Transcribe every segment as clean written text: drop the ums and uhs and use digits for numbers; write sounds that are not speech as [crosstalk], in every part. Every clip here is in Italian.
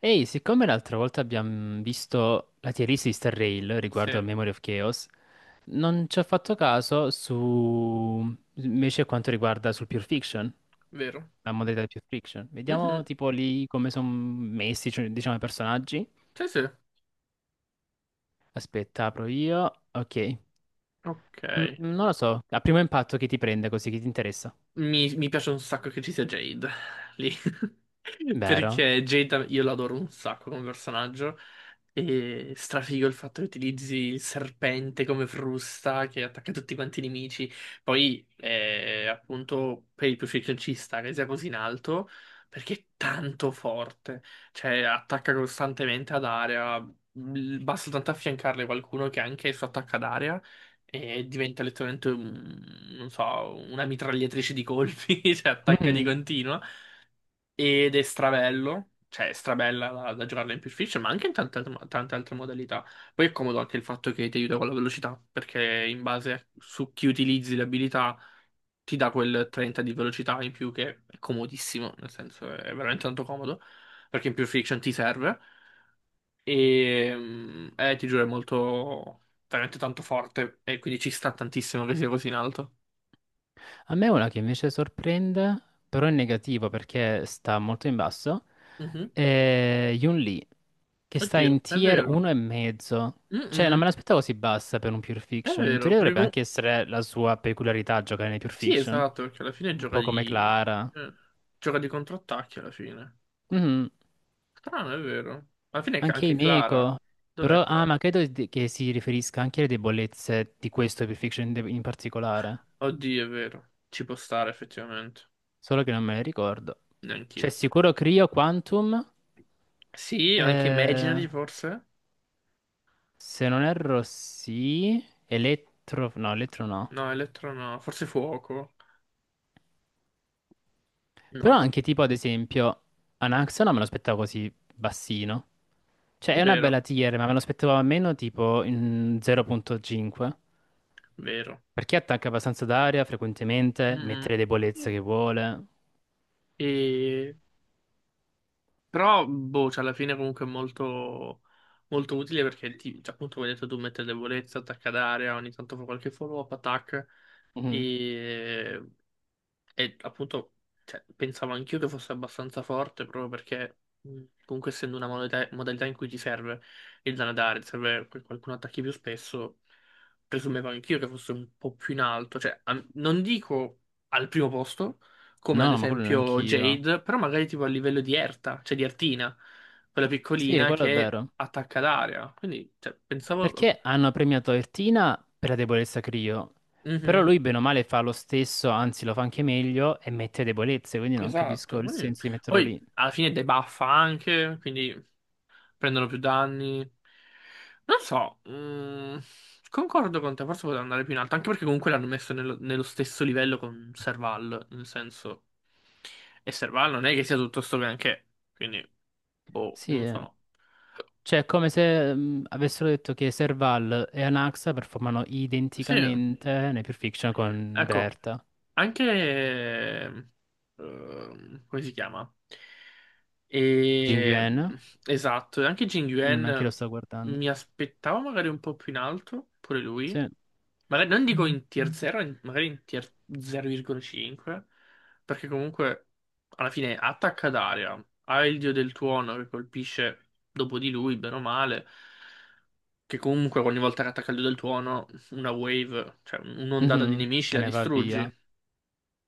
Ehi, siccome l'altra volta abbiamo visto la tier list di Star Rail Sì, riguardo a Memory of Chaos, non ci ho fatto caso su invece quanto riguarda sul Pure Fiction, vero. la modalità di Pure Fiction. Vediamo Mhm. tipo lì come sono messi, cioè, diciamo, i personaggi. Sì, sì. Aspetta, apro io. Ok. Ok. Non lo so, a primo impatto chi ti prende così, chi ti interessa. Mi piace un sacco che ci sia Jade lì. [laughs] Vero? Perché Jade io l'adoro un sacco come personaggio. E strafigo il fatto che utilizzi il serpente come frusta che attacca tutti quanti i nemici. Poi, appunto, per il crucifix ci sta che sia così in alto. Perché è tanto forte. Cioè, attacca costantemente ad area. Basta tanto affiancarle qualcuno che anche il suo attacco ad area. E diventa letteralmente, non so, una mitragliatrice di colpi, [laughs] cioè attacca di Mhm. continuo, ed è strabello, cioè è strabella da giocarla in Pulp Fiction, ma anche in tante altre modalità. Poi è comodo anche il fatto che ti aiuta con la velocità, perché su chi utilizzi le abilità ti dà quel 30 di velocità in più che è comodissimo, nel senso è veramente tanto comodo, perché in Pulp Fiction ti serve. E ti giuro, è molto veramente tanto forte. E quindi ci sta tantissimo che sia così in alto. A me una che invece sorprende, però è negativa perché sta molto in basso, Mhm. è Yun Lee, che sta Oddio, in è tier vero. 1 e mezzo. Cioè, non Mm-mm. me l'aspettavo così bassa per un pure È fiction. In vero, teoria perché dovrebbe anche essere la sua peculiarità giocare nei pure sì, fiction. esatto, perché alla fine Un po' come Clara. eh, gioca di contrattacchi alla fine. Mhm. Strano, è vero. Alla fine Anche anche Clara. Imeko. Dov'è Però, ah, Clara? ma che si riferisca anche alle debolezze di questo pure fiction in particolare. Oddio, è vero. Ci può stare effettivamente. Solo che non me le ricordo. C'è Neanch'io. sicuro Cryo Quantum? Sì, anche Eh, Imaginary forse? se non erro, sì. Elettro, no, elettro no. No, Electro no, forse Fuoco. No, Però anche tipo, ad esempio, Anaxona me lo aspettavo così bassino. Cioè, è una vero, bella tier, ma me lo aspettavo almeno tipo in 0,5. vero. Perché attacca abbastanza d'aria frequentemente, Mm-mm. mette le debolezze Sì. che vuole. E- Però, boh, cioè, alla fine comunque è molto, molto utile perché, cioè, appunto, come hai detto tu, mette debolezza, attacca ad area, ogni tanto fa qualche follow-up attack. Mhm. E E appunto cioè, pensavo anch'io che fosse abbastanza forte proprio perché comunque essendo una modalità in cui ti serve il danadare, ti serve che qualcuno attacchi più spesso, presumevo anch'io che fosse un po' più in alto, cioè non dico al primo posto, come No, ad no, ma quello esempio neanch'io. Jade, però magari tipo a livello di Erta, cioè di Ertina, quella Sì, piccolina quello è che vero. attacca d'aria. Quindi cioè, pensavo... Perché hanno premiato Ertina per la debolezza Crio, però Mhm, lui bene o male fa lo stesso, anzi lo fa anche meglio e mette debolezze, quindi non capisco esatto, il quindi senso di metterlo poi lì. alla fine debuffa anche, quindi... Prendono più danni. Non so, concordo con te, forse poteva andare più in alto, anche perché comunque l'hanno messo nello stesso livello con Serval, nel senso, e Serval non è che sia tutto sto granché, quindi, boh, Sì, non eh. so. Cioè è come se avessero detto che Serval e Anaxa performano Sì, identicamente nei Pulp Fiction con ecco. Derta. Anche, come si chiama? Jing E, Yuan, esatto, e anche Jin anche io lo Yuan sto guardando. mi aspettavo magari un po' più in alto, pure lui. Sì. Magari non dico in tier 0, magari in tier 0,5, perché comunque alla fine attacca d'aria, ha il dio del tuono che colpisce dopo di lui, bene o male, che comunque ogni volta che attacca il dio del tuono, una wave, cioè un'ondata di Mhm. nemici Se la ne va distruggi. via,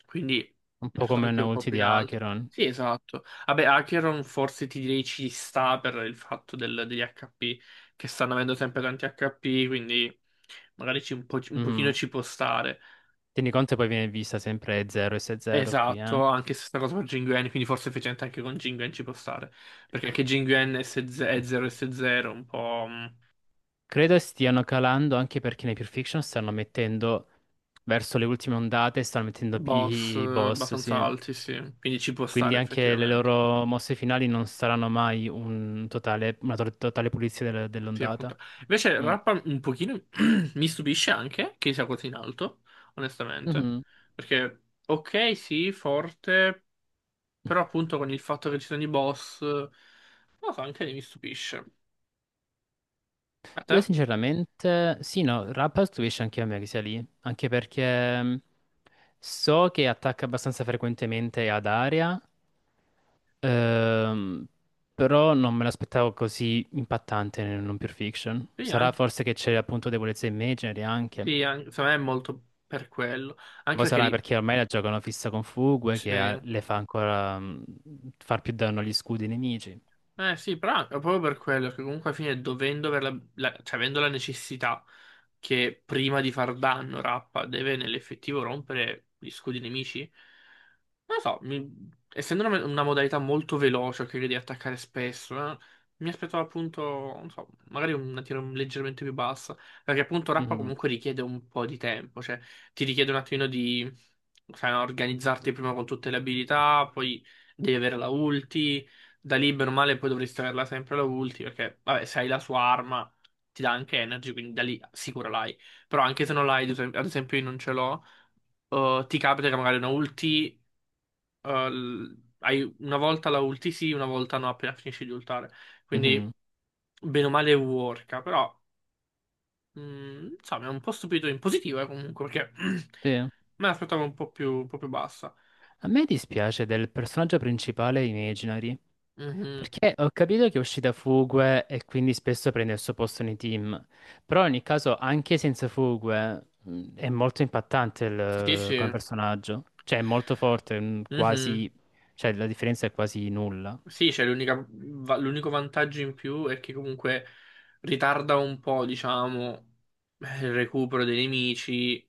Quindi un è po' stato come anche una un po' ulti più di in alto. Acheron. Sì, esatto. Vabbè, Acheron forse ti direi ci sta per il fatto del- degli HP, che stanno avendo sempre tanti HP, quindi magari un po', un pochino Mhm. ci può stare. Tieni conto che poi viene vista sempre 0 e 6-0 qui, eh. Esatto, anche se sta cosa per Jinguen, quindi forse effettivamente anche con Jinguen ci può stare. Perché anche Jinguen è 0 S0, un po' Credo stiano calando anche perché nei Pulp Fiction stanno mettendo, verso le ultime ondate, stanno mettendo più boss i boss, abbastanza sì. alti, sì. Quindi ci può Quindi stare anche le effettivamente. loro mosse finali non saranno mai un totale pulizia Sì, appunto. dell'ondata. Invece Mm. Rappa un pochino [clears throat] mi stupisce anche che sia così in alto, onestamente. Mhm. Perché, ok, sì, forte, però appunto con il fatto che ci sono i boss, non lo so, anche lì mi stupisce. A te? Io sinceramente, sì, no, Rapper stupisce anche a me che sia lì, anche perché so che attacca abbastanza frequentemente ad area, Ehm, però non me l'aspettavo così impattante nel non pure fiction. Sì, Sarà anche, forse che c'è appunto debolezza immaginary anche. sì, secondo me è molto per quello. Anche Poi perché sarà lì, perché ormai la giocano fissa con Fugue che sì. Le fa ancora far più danno agli scudi nemici. Eh sì, però è proprio per quello che comunque alla fine dovendo aver cioè avendo la necessità che prima di far danno Rappa deve nell'effettivo rompere gli scudi nemici, non lo so, essendo una modalità molto veloce che devi attaccare spesso, mi aspettavo appunto, non so, magari una tiro leggermente più bassa, perché appunto Rappa Mhm, comunque richiede un po' di tempo, cioè ti richiede un attimino di sai, no, organizzarti prima con tutte le abilità, poi devi avere la ulti, da lì bene o male poi dovresti averla sempre la ulti, perché vabbè, se hai la sua arma ti dà anche energy, quindi da lì sicuro l'hai. Però anche se non l'hai, ad esempio io non ce l'ho, ti capita che magari una ulti, hai una volta la ulti sì, una volta no, appena finisci di ultare. mhm, Quindi bene o male worka, però insomma è un po' stupito in positivo, comunque, perché sì. [clears throat] me l'aspettavo un po' più bassa. A me dispiace del personaggio principale Imaginary. Mhm. Perché ho capito che è uscita Fugue e quindi spesso prende il suo posto nei team, però in ogni caso anche senza Fugue è molto impattante Sì, come sì. personaggio, cioè è molto forte, Mhm. quasi, cioè la differenza è quasi nulla. Sì, c'è l'unico vantaggio in più è che comunque ritarda un po', diciamo, il recupero dei nemici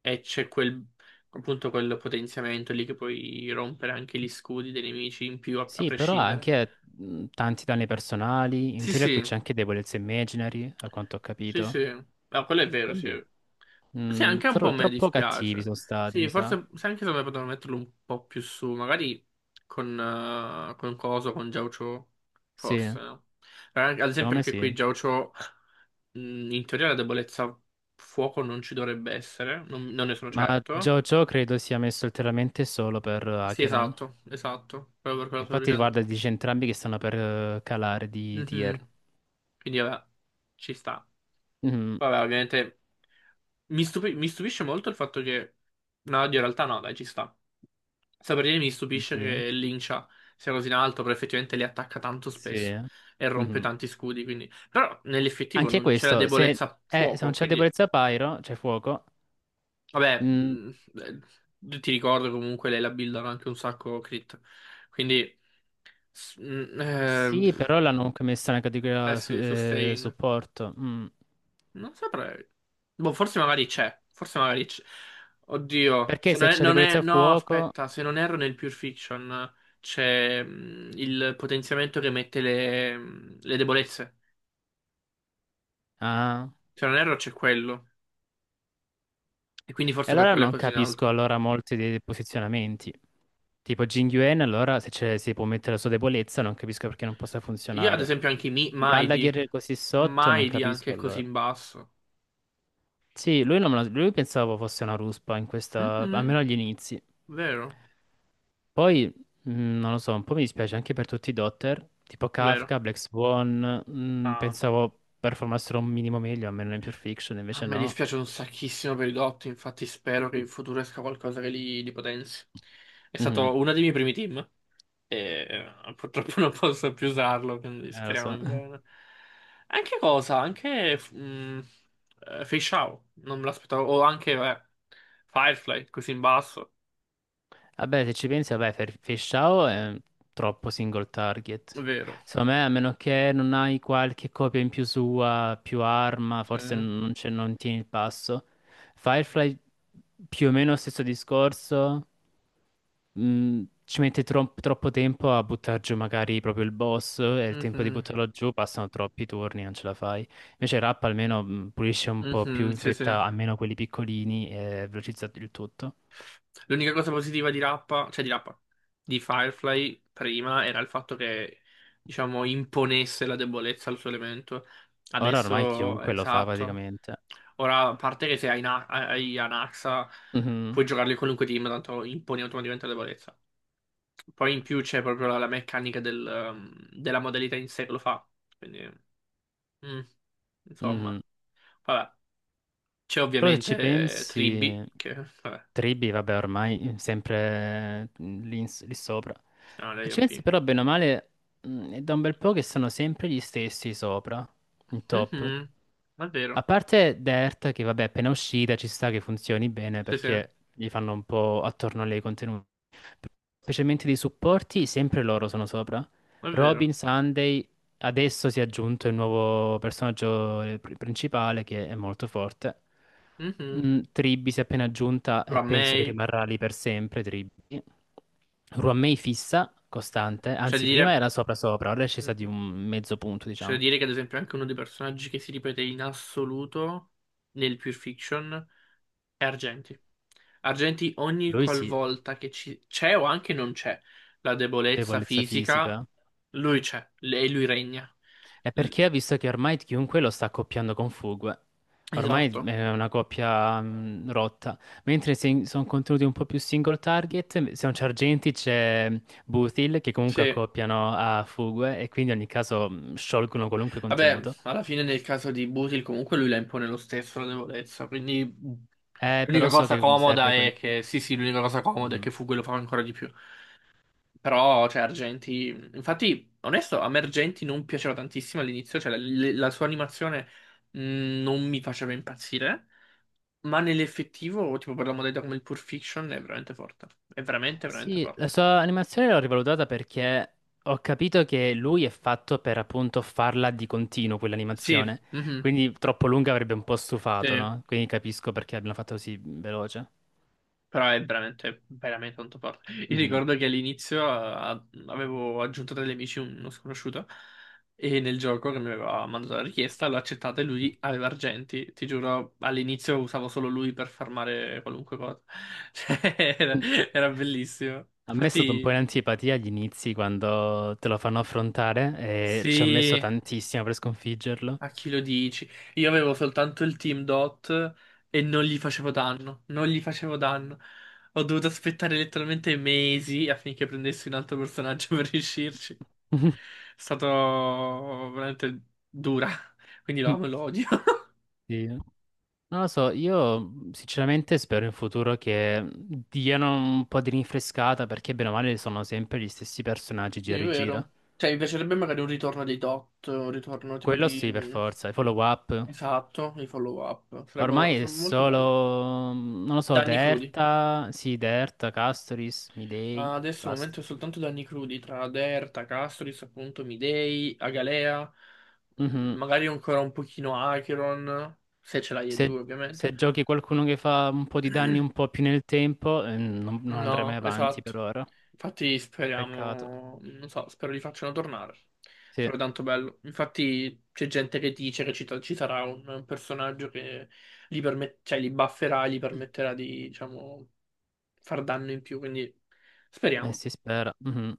e c'è appunto, quel potenziamento lì che puoi rompere anche gli scudi dei nemici in più, a, a Sì, però ha prescindere. anche tanti danni personali, in Sì, teoria qui sì. c'è anche debolezza imaginary, a quanto ho Sì, capito, sì, no, quello è vero, sì. quindi Sì, anche un po' a me troppo cattivi dispiace. sono stati, Sì, mi sa. forse se anche se me potevano metterlo un po' più su, magari con, con Coso, con Jaucho, Sì, forse, no? Ad esempio secondo me anche qui sì. Jaucho, in teoria la debolezza fuoco non ci dovrebbe essere, non ne sono Ma certo. JoJo credo sia messo ulteriormente solo per Sì, Acheron. esatto, esatto, proprio per quello che stavo Infatti, dicendo. guarda, dice entrambi che stanno per calare di tier. Mhm. Quindi vabbè, ci sta. Mhm. Vabbè, ovviamente. Mi stupisce molto il fatto che... No, oddio, in realtà no, dai, ci sta. Sta per dire mi Di stupisce chi? che Lincia sia così in alto, però effettivamente li attacca tanto Sì. spesso e rompe Mhm. tanti scudi, quindi... Però nell'effettivo Anche non c'è la questo, debolezza a se non fuoco, c'è quindi... debolezza Pyro, c'è fuoco. Vabbè, Mm, ti ricordo comunque lei la buildano anche un sacco crit, quindi... s- mh, eh, sì, pff, però l'hanno comunque messa nella eh categoria sì, sustain. supporto. Mm. Non saprei. Boh, forse magari c'è. Forse magari c'è. Oddio, Perché se se non è, c'è non è- debolezza no, fuoco... aspetta, se non erro nel Pure Fiction c'è il potenziamento che mette le debolezze. Ah. Se non erro c'è quello. E quindi E forse per allora quello è non così in capisco alto. allora molti dei posizionamenti. Tipo Jin Yuen, allora se si può mettere la sua debolezza, non capisco perché non possa Io ad funzionare. esempio anche i Maidi. Gallagher così sotto, non Maidi anche capisco è così allora. in basso. Sì, lui, non me lo- lui pensavo fosse una ruspa in questa, Mhm. almeno agli inizi. Vero, Poi, non lo so, un po' mi dispiace anche per tutti i Dotter, tipo vero. Kafka, Black Swan, Ah, pensavo performassero un minimo meglio, almeno in Pure Fiction, a invece me no. dispiace un sacchissimo per i Dot, infatti spero che in futuro esca qualcosa che li potenzi. È Mhm, stato uno dei miei primi team e purtroppo [laughs] non posso più usarlo, quindi lo speriamo so. in bene. Anche cosa? Anche Fei Shao, non me l'aspettavo. O anche vabbè, Firefly, così in basso. Vabbè, se ci pensi, vabbè, Fishao è troppo single È target. vero. Secondo me, a meno che non hai qualche copia in più sua, più arma, Sì. forse non tieni il passo. Firefly, più o meno stesso discorso, troppo tempo a buttare giù magari proprio il boss e il tempo di Mhm. buttarlo giù passano troppi turni, non ce la fai. Invece Rap almeno pulisce un po' più Mhm. in Sì, sì. fretta, almeno quelli piccolini e velocizza il tutto. L'unica cosa positiva di Rappa, cioè di Rappa, di Firefly prima era il fatto che, diciamo, imponesse la debolezza al suo elemento. Ora ormai Adesso, chiunque lo fa esatto. praticamente. Ora, a parte che se hai Anaxa, Mhm, puoi giocarli in qualunque team, tanto imponi automaticamente la debolezza. Poi in più c'è proprio la meccanica della modalità in sé che lo fa. Quindi, mm, insomma, mhm. vabbè. C'è Però se ci ovviamente pensi, Tribi, che, vabbè, Tribi, vabbè, ormai sempre lì sopra. sono Se le ci pensi OP. però, bene o male, è da un bel po' che sono sempre gli stessi sopra, in top. Mhm. È A vero. parte Dirt, che vabbè, appena uscita ci sta che funzioni bene Sì, sì, è perché gli fanno un po' attorno a lei i contenuti. Specialmente dei supporti, sempre loro sono sopra. vero. Robin Sunday adesso si è aggiunto il nuovo personaggio principale che è molto forte. Mhm. Mm, Tribby si è appena aggiunta e Però a me penso che rimarrà lì per sempre. Tribby. Ruamei fissa, costante, c'è da anzi prima dire, era sopra sopra, ora è scesa di Mhm, un mezzo punto, c'è da diciamo. dire che ad esempio anche uno dei personaggi che si ripete in assoluto nel Pure Fiction è Argenti. Argenti ogni Lui sì, qualvolta che c'è o anche non c'è la debolezza debolezza fisica, fisica. lui c'è e lui regna. È L- perché ha visto che ormai chiunque lo sta accoppiando con Fugue. Ormai Esatto. è una coppia rotta. Mentre se sono contenuti un po' più single target, se non c'è Argenti c'è Buthil che comunque Sì. accoppiano a Fugue e quindi in ogni caso sciolgono qualunque Vabbè, contenuto. alla fine nel caso di Butil comunque lui la impone lo stesso la debolezza, quindi l'unica Però so cosa che mi comoda serve quel... è che, sì sì, l'unica cosa comoda è che Mhm. Fugue lo fa ancora di più. Però, cioè, Argenti, infatti, onesto, a me Argenti non piaceva tantissimo all'inizio, cioè la sua animazione mh, non mi faceva impazzire, ma nell'effettivo, tipo per la modalità come il Pulp Fiction, è veramente forte, è veramente, veramente Sì, la forte. sua animazione l'ho rivalutata perché ho capito che lui è fatto per appunto farla di continuo Sì, quell'animazione. mhm, Quindi troppo lunga avrebbe un po' stufato, sì. no? Quindi capisco perché abbiano fatto così veloce. Però è veramente, veramente tanto forte. Io Mhm. ricordo che all'inizio avevo aggiunto tra gli amici uno sconosciuto e nel gioco che mi aveva mandato la richiesta l'ho accettata e lui aveva argenti. Ti giuro, all'inizio usavo solo lui per farmare qualunque cosa. [laughs] Cioè, era bellissimo. A me è stato un po' in Infatti, antipatia agli inizi quando te lo fanno affrontare e ci ho messo sì. tantissimo per sconfiggerlo. A chi lo dici? Io avevo soltanto il Team Dot e non gli facevo danno, non gli facevo danno. Ho dovuto aspettare letteralmente mesi affinché prendessi un altro personaggio [laughs] per riuscirci. È [laughs] stato veramente dura, quindi lo amo e lo odio. [laughs] Sì. Non lo so, io sinceramente spero in futuro che diano un po' di rinfrescata perché bene o male sono sempre gli stessi personaggi Sì, è gira e vero. gira. Cioè, mi piacerebbe magari un ritorno dei Dot, un ritorno tipo Quello sì, per di... forza, i follow up. Esatto, i follow-up. Sarebbero Ormai è sarebbero molto belli. solo, non lo so, Danni crudi. Derta, sì, Derta, Castoris, Midei Ah, e adesso al basta. momento è soltanto danni crudi tra Derta, Castoris, appunto, Midei, Agalea, Mhm. magari ancora un pochino Acheron, se ce l'hai e Se, due ovviamente. se giochi qualcuno che fa un po' di danni un po' più nel tempo, non andrai mai No, avanti per esatto. ora. Infatti Peccato. speriamo, non so, spero li facciano tornare. Sì, Sarebbe tanto bello. Infatti c'è gente che dice che ci sarà un personaggio che li, cioè, li bufferà, gli permetterà di, diciamo, far danno in più, quindi speriamo. si spera. Mhm.